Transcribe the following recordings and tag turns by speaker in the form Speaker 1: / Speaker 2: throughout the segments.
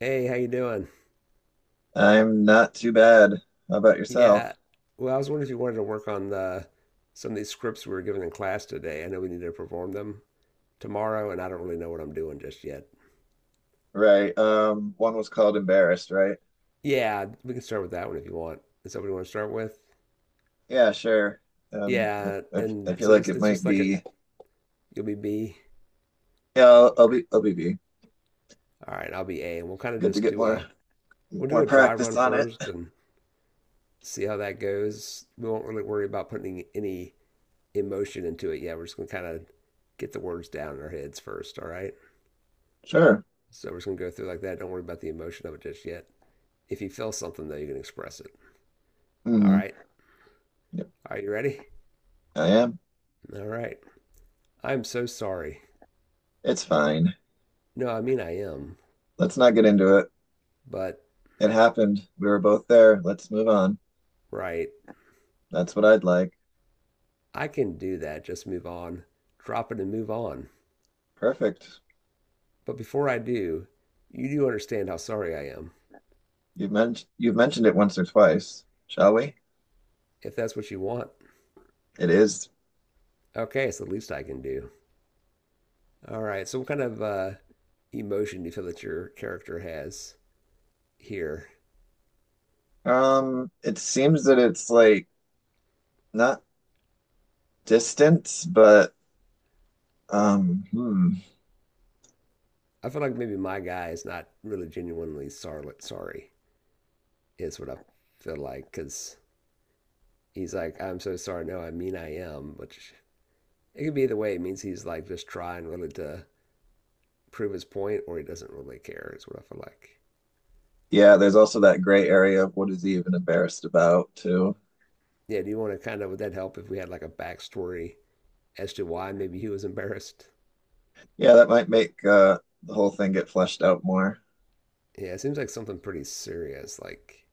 Speaker 1: Hey, how you doing?
Speaker 2: I'm not too bad. How about
Speaker 1: Yeah.
Speaker 2: yourself?
Speaker 1: Well, I was wondering if you wanted to work on the some of these scripts we were given in class today. I know we need to perform them tomorrow, and I don't really know what I'm doing just yet.
Speaker 2: Right. One was called Embarrassed, right?
Speaker 1: Yeah, we can start with that one if you want. Is that what you want to start with?
Speaker 2: Yeah, sure. Um,
Speaker 1: Yeah,
Speaker 2: I, I
Speaker 1: and
Speaker 2: I feel
Speaker 1: so
Speaker 2: like
Speaker 1: it's,
Speaker 2: it
Speaker 1: it's
Speaker 2: might
Speaker 1: just like a
Speaker 2: be.
Speaker 1: you'll be B.
Speaker 2: Yeah, I'll,
Speaker 1: All
Speaker 2: I'll
Speaker 1: right.
Speaker 2: be I'll be
Speaker 1: All right, I'll be A, and we'll kind of
Speaker 2: good to
Speaker 1: just
Speaker 2: get
Speaker 1: do
Speaker 2: more
Speaker 1: a we'll do
Speaker 2: more
Speaker 1: a dry
Speaker 2: practice
Speaker 1: run
Speaker 2: on it.
Speaker 1: first and see how that goes. We won't really worry about putting any emotion into it yet. We're just gonna kind of get the words down in our heads first. All right.
Speaker 2: Sure.
Speaker 1: So we're just going to go through like that. Don't worry about the emotion of it just yet. If you feel something, though, you can express it. All
Speaker 2: Mm-hmm.
Speaker 1: right.
Speaker 2: Yep,
Speaker 1: Are you ready?
Speaker 2: I am.
Speaker 1: All right. I'm so sorry.
Speaker 2: It's fine.
Speaker 1: No, I mean, I am.
Speaker 2: Let's not get into it.
Speaker 1: But,
Speaker 2: It happened. We were both there. Let's move on.
Speaker 1: right.
Speaker 2: That's what I'd like.
Speaker 1: I can do that. Just move on. Drop it and move on.
Speaker 2: Perfect.
Speaker 1: But before I do, you do understand how sorry I am.
Speaker 2: You've mentioned it once or twice. Shall we?
Speaker 1: If that's what you want.
Speaker 2: It is.
Speaker 1: Okay. It's the least I can do. All right. So, what kind of emotion do you feel that your character has here?
Speaker 2: It seems that it's like not distance, but um, hmm.
Speaker 1: I feel like maybe my guy is not really genuinely sorry. Is what I feel like because he's like, I'm so sorry. No, I mean, I am, which it could be the way it means he's like just trying really to prove his point or he doesn't really care, is what I feel like.
Speaker 2: yeah, there's also that gray area of what is he even embarrassed about too.
Speaker 1: Yeah, do you want to kind of, would that help if we had like a backstory as to why maybe he was embarrassed?
Speaker 2: Yeah, that might make the whole thing get fleshed out more.
Speaker 1: Yeah, it seems like something pretty serious. Like,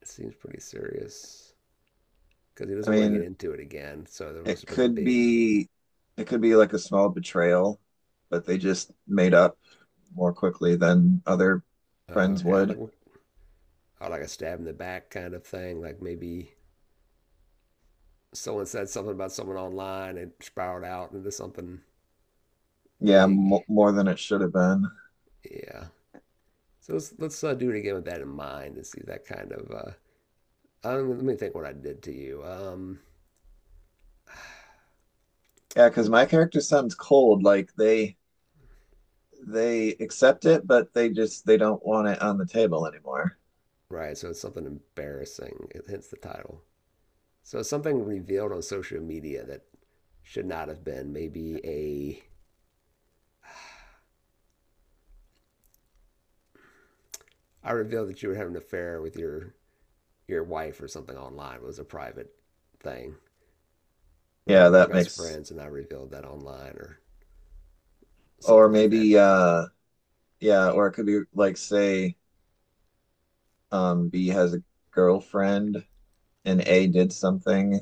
Speaker 1: it seems pretty serious because he
Speaker 2: I
Speaker 1: doesn't want to get
Speaker 2: mean,
Speaker 1: into it again. So there must
Speaker 2: it
Speaker 1: have been a
Speaker 2: could
Speaker 1: big,
Speaker 2: be it could be like a small betrayal, but they just made up more quickly than other friends
Speaker 1: okay,
Speaker 2: would.
Speaker 1: like, oh, like a stab in the back kind of thing. Like maybe someone said something about someone online and it spiraled out into something
Speaker 2: Yeah,
Speaker 1: big.
Speaker 2: mo more than it should have been.
Speaker 1: Yeah. So let's do it again with that in mind and see that kind of. Let me think what I did to you.
Speaker 2: Yeah, because my character sounds cold. Like they accept it, but they just they don't want it on the table anymore.
Speaker 1: Right. So it's something embarrassing. Hence the title. So it's something revealed on social media that should not have been. Maybe a I revealed that you were having an affair with your wife or something online. It was a private thing. Or
Speaker 2: Yeah,
Speaker 1: we're
Speaker 2: that
Speaker 1: best
Speaker 2: makes,
Speaker 1: friends, and I revealed that online or
Speaker 2: or
Speaker 1: something like that.
Speaker 2: maybe, yeah, or it could be like, say, B has a girlfriend and A did something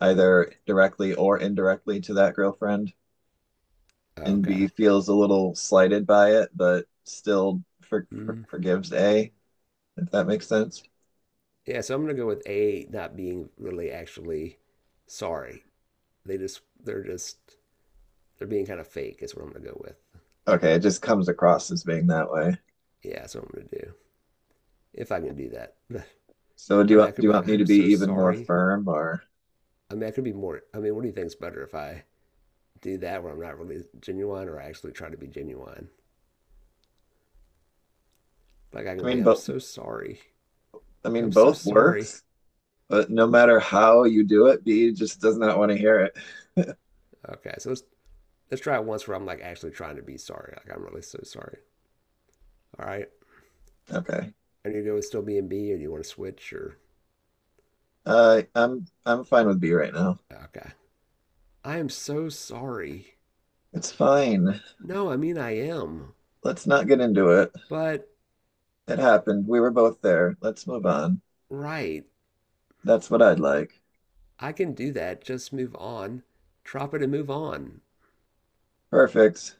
Speaker 2: either directly or indirectly to that girlfriend, and
Speaker 1: Okay.
Speaker 2: B feels a little slighted by it, but still
Speaker 1: Mm.
Speaker 2: forgives A, if that makes sense.
Speaker 1: Yeah, so I'm gonna go with A not being really actually sorry. They're just they're being kind of fake is what I'm gonna go with.
Speaker 2: Okay, it just comes across as being that way.
Speaker 1: Yeah, that's what I'm gonna do. If I can do that.
Speaker 2: So
Speaker 1: I mean I
Speaker 2: do
Speaker 1: could be
Speaker 2: you want
Speaker 1: like,
Speaker 2: me to
Speaker 1: I'm
Speaker 2: be
Speaker 1: so
Speaker 2: even more
Speaker 1: sorry.
Speaker 2: firm, or
Speaker 1: I mean I could be more I mean, what do you think's better if I do that where I'm not really genuine or I actually try to be genuine? Like I
Speaker 2: I
Speaker 1: can be,
Speaker 2: mean,
Speaker 1: I'm
Speaker 2: both?
Speaker 1: so sorry.
Speaker 2: I
Speaker 1: Like
Speaker 2: mean,
Speaker 1: I'm so
Speaker 2: both
Speaker 1: sorry.
Speaker 2: works, but no matter how you do it, B just does not want to hear it.
Speaker 1: Okay, so let's try it once where I'm like actually trying to be sorry. Like I'm really so sorry. All right.
Speaker 2: Okay.
Speaker 1: And you go with still being B or do you want to switch or
Speaker 2: I'm fine with B right now.
Speaker 1: okay. I am so sorry.
Speaker 2: It's fine.
Speaker 1: No, I mean, I am.
Speaker 2: Let's not get into it.
Speaker 1: But,
Speaker 2: It happened. We were both there. Let's move on.
Speaker 1: right,
Speaker 2: That's what I'd like.
Speaker 1: I can do that. Just move on. Drop it and move on.
Speaker 2: Perfect.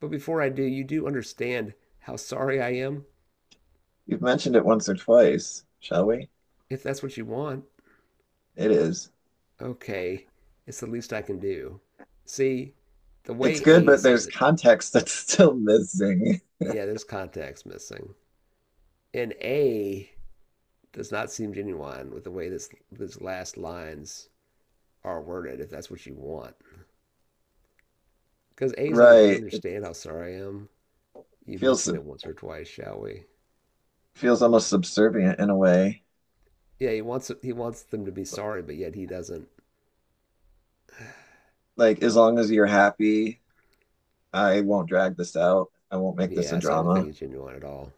Speaker 1: But before I do, you do understand how sorry I am?
Speaker 2: You've mentioned it once or twice, shall we?
Speaker 1: If that's what you want,
Speaker 2: It is.
Speaker 1: okay. It's the least I can do. See, the way
Speaker 2: It's good,
Speaker 1: A
Speaker 2: but
Speaker 1: says
Speaker 2: there's
Speaker 1: it,
Speaker 2: context that's still missing.
Speaker 1: yeah, there's context missing. And A does not seem genuine with the way this last lines are worded, if that's what you want. Because A's like, do you
Speaker 2: Right. It
Speaker 1: understand how sorry I am? You
Speaker 2: feels
Speaker 1: mentioned it once or twice, shall we?
Speaker 2: feels almost subservient in a way.
Speaker 1: Yeah, he wants them to be sorry, but yet he doesn't.
Speaker 2: Like as long as you're happy, I won't drag this out. I won't make this a
Speaker 1: Yeah, so I don't think
Speaker 2: drama.
Speaker 1: he's genuine at all.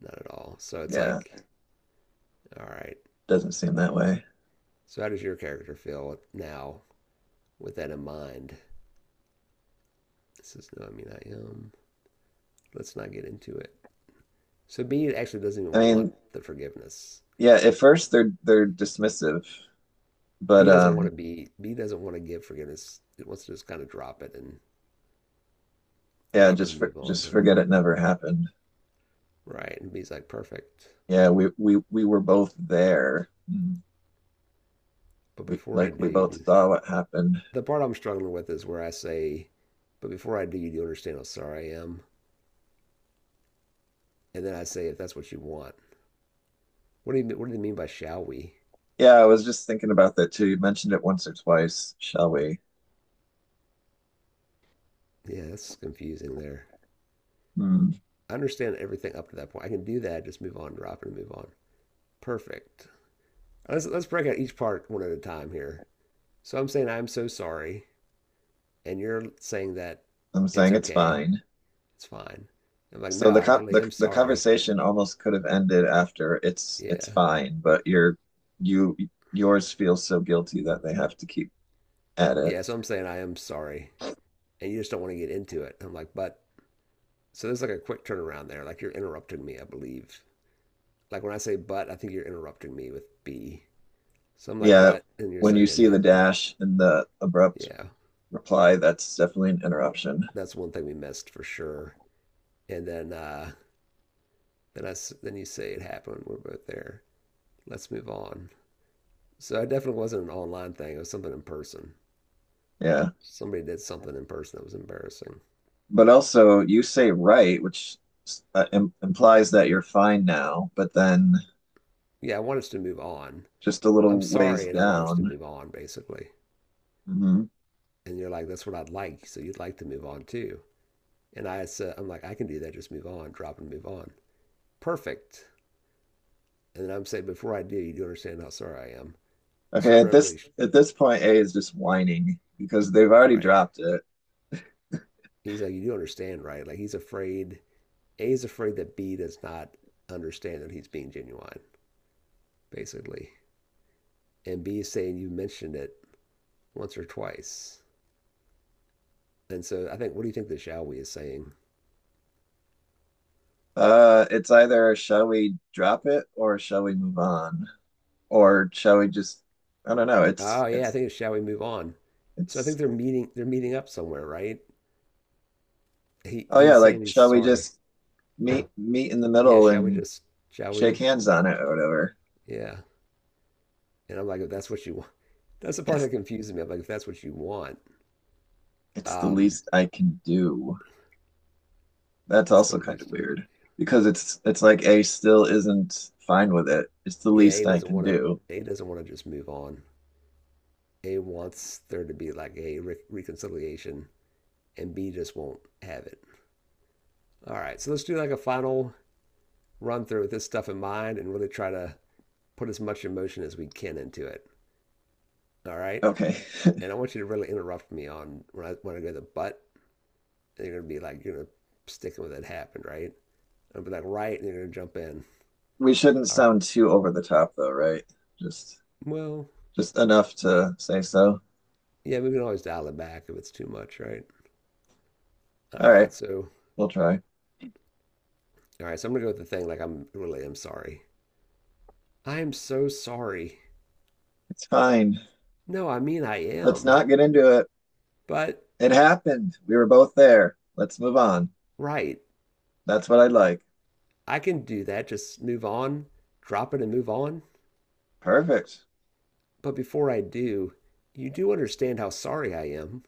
Speaker 1: Not at all. So it's
Speaker 2: Yeah,
Speaker 1: like, all right.
Speaker 2: doesn't seem that way.
Speaker 1: So how does your character feel now with that in mind? This is no, I mean, I am. Let's not get into it. So B actually doesn't even
Speaker 2: I
Speaker 1: want
Speaker 2: mean,
Speaker 1: the forgiveness.
Speaker 2: yeah, at first they're dismissive, but
Speaker 1: B doesn't want to be. B doesn't want to give forgiveness. It wants to just kind of
Speaker 2: yeah,
Speaker 1: drop it and move on.
Speaker 2: just
Speaker 1: Perfect.
Speaker 2: forget it never happened.
Speaker 1: Right. And B's like, perfect.
Speaker 2: Yeah, we were both there. Mm.
Speaker 1: But
Speaker 2: We
Speaker 1: before I
Speaker 2: like
Speaker 1: do,
Speaker 2: we
Speaker 1: you
Speaker 2: both
Speaker 1: do
Speaker 2: saw what happened.
Speaker 1: The part I'm struggling with is where I say, "But before I do, you do understand how sorry I am," and then I say, "If that's what you want." What do you What do they mean by "shall we"?
Speaker 2: Yeah, I was just thinking about that too. You mentioned it once or twice, shall we?
Speaker 1: Yeah, that's confusing. There,
Speaker 2: Mm.
Speaker 1: I understand everything up to that point. I can do that. Just move on, drop it, and move on. Perfect. Let's break out each part one at a time here. So I'm saying I'm so sorry, and you're saying that
Speaker 2: I'm
Speaker 1: it's
Speaker 2: saying it's
Speaker 1: okay,
Speaker 2: fine.
Speaker 1: it's fine. I'm like,
Speaker 2: So
Speaker 1: no,
Speaker 2: the
Speaker 1: I
Speaker 2: co
Speaker 1: really am
Speaker 2: the
Speaker 1: sorry.
Speaker 2: conversation almost could have ended after it's
Speaker 1: Yeah,
Speaker 2: fine, but your you yours feels so guilty that they have to keep at it.
Speaker 1: yeah. So I'm saying I am sorry, and you just don't want to get into it. I'm like, but So there's like a quick turnaround there. Like you're interrupting me, I believe. Like when I say but, I think you're interrupting me with B. So I'm like,
Speaker 2: Yeah,
Speaker 1: but, and you're
Speaker 2: when you
Speaker 1: saying it
Speaker 2: see the
Speaker 1: happened.
Speaker 2: dash and the abrupt
Speaker 1: Yeah,
Speaker 2: reply, that's definitely an interruption.
Speaker 1: that's one thing we missed for sure. And then I, then you say it happened. We're both there. Let's move on. So it definitely wasn't an online thing. It was something in person.
Speaker 2: Yeah,
Speaker 1: Somebody did something in person that was embarrassing.
Speaker 2: but also you say right, which im implies that you're fine now, but then
Speaker 1: Yeah, I want us to move on.
Speaker 2: just a
Speaker 1: I'm
Speaker 2: little ways
Speaker 1: sorry, and I want us to
Speaker 2: down.
Speaker 1: move on, basically.
Speaker 2: Hmm.
Speaker 1: And you're like, that's what I'd like. So you'd like to move on too. And I said, I'm like, I can do that. Just move on, drop and move on. Perfect. And then I'm saying, before I do, you do understand how sorry I am. So
Speaker 2: Okay,
Speaker 1: I'm not really sh-
Speaker 2: at this point, A is just whining because they've already
Speaker 1: right.
Speaker 2: dropped it.
Speaker 1: He's like, you do understand, right? Like he's afraid. A he's afraid that B does not understand that he's being genuine, basically. And B is saying you mentioned it once or twice. And so I think, what do you think the shall we is saying?
Speaker 2: It's either shall we drop it or shall we move on? Or shall we just, I don't know, it's
Speaker 1: Oh yeah, I
Speaker 2: it's
Speaker 1: think it's shall we move on. So I
Speaker 2: it's
Speaker 1: think they're meeting. They're meeting up somewhere, right? He
Speaker 2: oh yeah,
Speaker 1: he's
Speaker 2: like
Speaker 1: saying he's
Speaker 2: shall we
Speaker 1: sorry.
Speaker 2: just meet in the
Speaker 1: Yeah,
Speaker 2: middle
Speaker 1: shall we
Speaker 2: and
Speaker 1: just? Shall
Speaker 2: shake
Speaker 1: we?
Speaker 2: hands on it or whatever.
Speaker 1: Yeah. And I'm like, if that's what you want, that's the part
Speaker 2: It's
Speaker 1: that confuses me. I'm like, if that's what you want,
Speaker 2: it's the
Speaker 1: um,
Speaker 2: least I can do. That's
Speaker 1: it's the
Speaker 2: also kind of
Speaker 1: least I can
Speaker 2: weird because it's like A still isn't fine with it. It's the
Speaker 1: do. Yeah, A
Speaker 2: least I
Speaker 1: doesn't
Speaker 2: can
Speaker 1: want to.
Speaker 2: do.
Speaker 1: A doesn't want to just move on. A wants there to be like a re reconciliation, and B just won't have it. All right, so let's do like a final run through with this stuff in mind, and really try to put as much emotion as we can into it. All right,
Speaker 2: Okay.
Speaker 1: and I want you to really interrupt me on when I go to the but. And you're gonna be like, you're gonna sticking with it happened, right? I'll be like, right, and you're gonna jump in.
Speaker 2: We shouldn't sound too over the top though, right? Just
Speaker 1: Well,
Speaker 2: just enough to say so.
Speaker 1: yeah, we can always dial it back if it's too much, right? All
Speaker 2: All right,
Speaker 1: right, so
Speaker 2: we'll try.
Speaker 1: all right, so I'm gonna go with the thing like I'm really am sorry. I am so sorry.
Speaker 2: It's fine.
Speaker 1: No, I mean I
Speaker 2: Let's
Speaker 1: am.
Speaker 2: not get into it.
Speaker 1: But
Speaker 2: It happened. We were both there. Let's move on.
Speaker 1: right,
Speaker 2: That's what I'd like.
Speaker 1: I can do that. Just move on, drop it and move on.
Speaker 2: Perfect.
Speaker 1: But before I do, you do understand how sorry I am,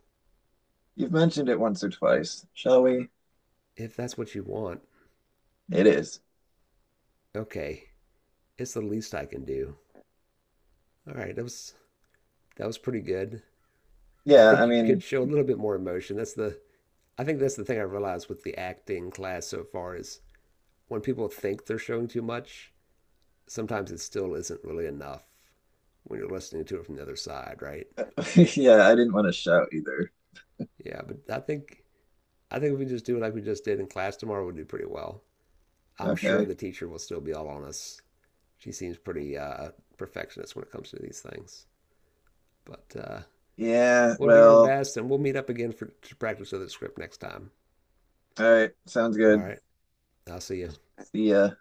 Speaker 2: You've mentioned it once or twice. Shall we?
Speaker 1: if that's what you want.
Speaker 2: It is.
Speaker 1: Okay, it's the least I can do. All right, that was pretty good. I
Speaker 2: Yeah,
Speaker 1: think
Speaker 2: I
Speaker 1: you could
Speaker 2: mean,
Speaker 1: show a little bit more emotion. That's the I think that's the thing I realized with the acting class so far is when people think they're showing too much, sometimes it still isn't really enough when you're listening to it from the other side, right?
Speaker 2: yeah, I didn't want to shout either.
Speaker 1: Yeah, but I think if we just do it like we just did in class tomorrow, we'll do pretty well. I'm sure
Speaker 2: Okay.
Speaker 1: the teacher will still be all on us. She seems pretty perfectionist when it comes to these things, but
Speaker 2: Yeah,
Speaker 1: we'll do our
Speaker 2: well,
Speaker 1: best, and we'll meet up again for to practice with the script next time.
Speaker 2: all right. Sounds
Speaker 1: All
Speaker 2: good.
Speaker 1: right, I'll see you.
Speaker 2: See ya.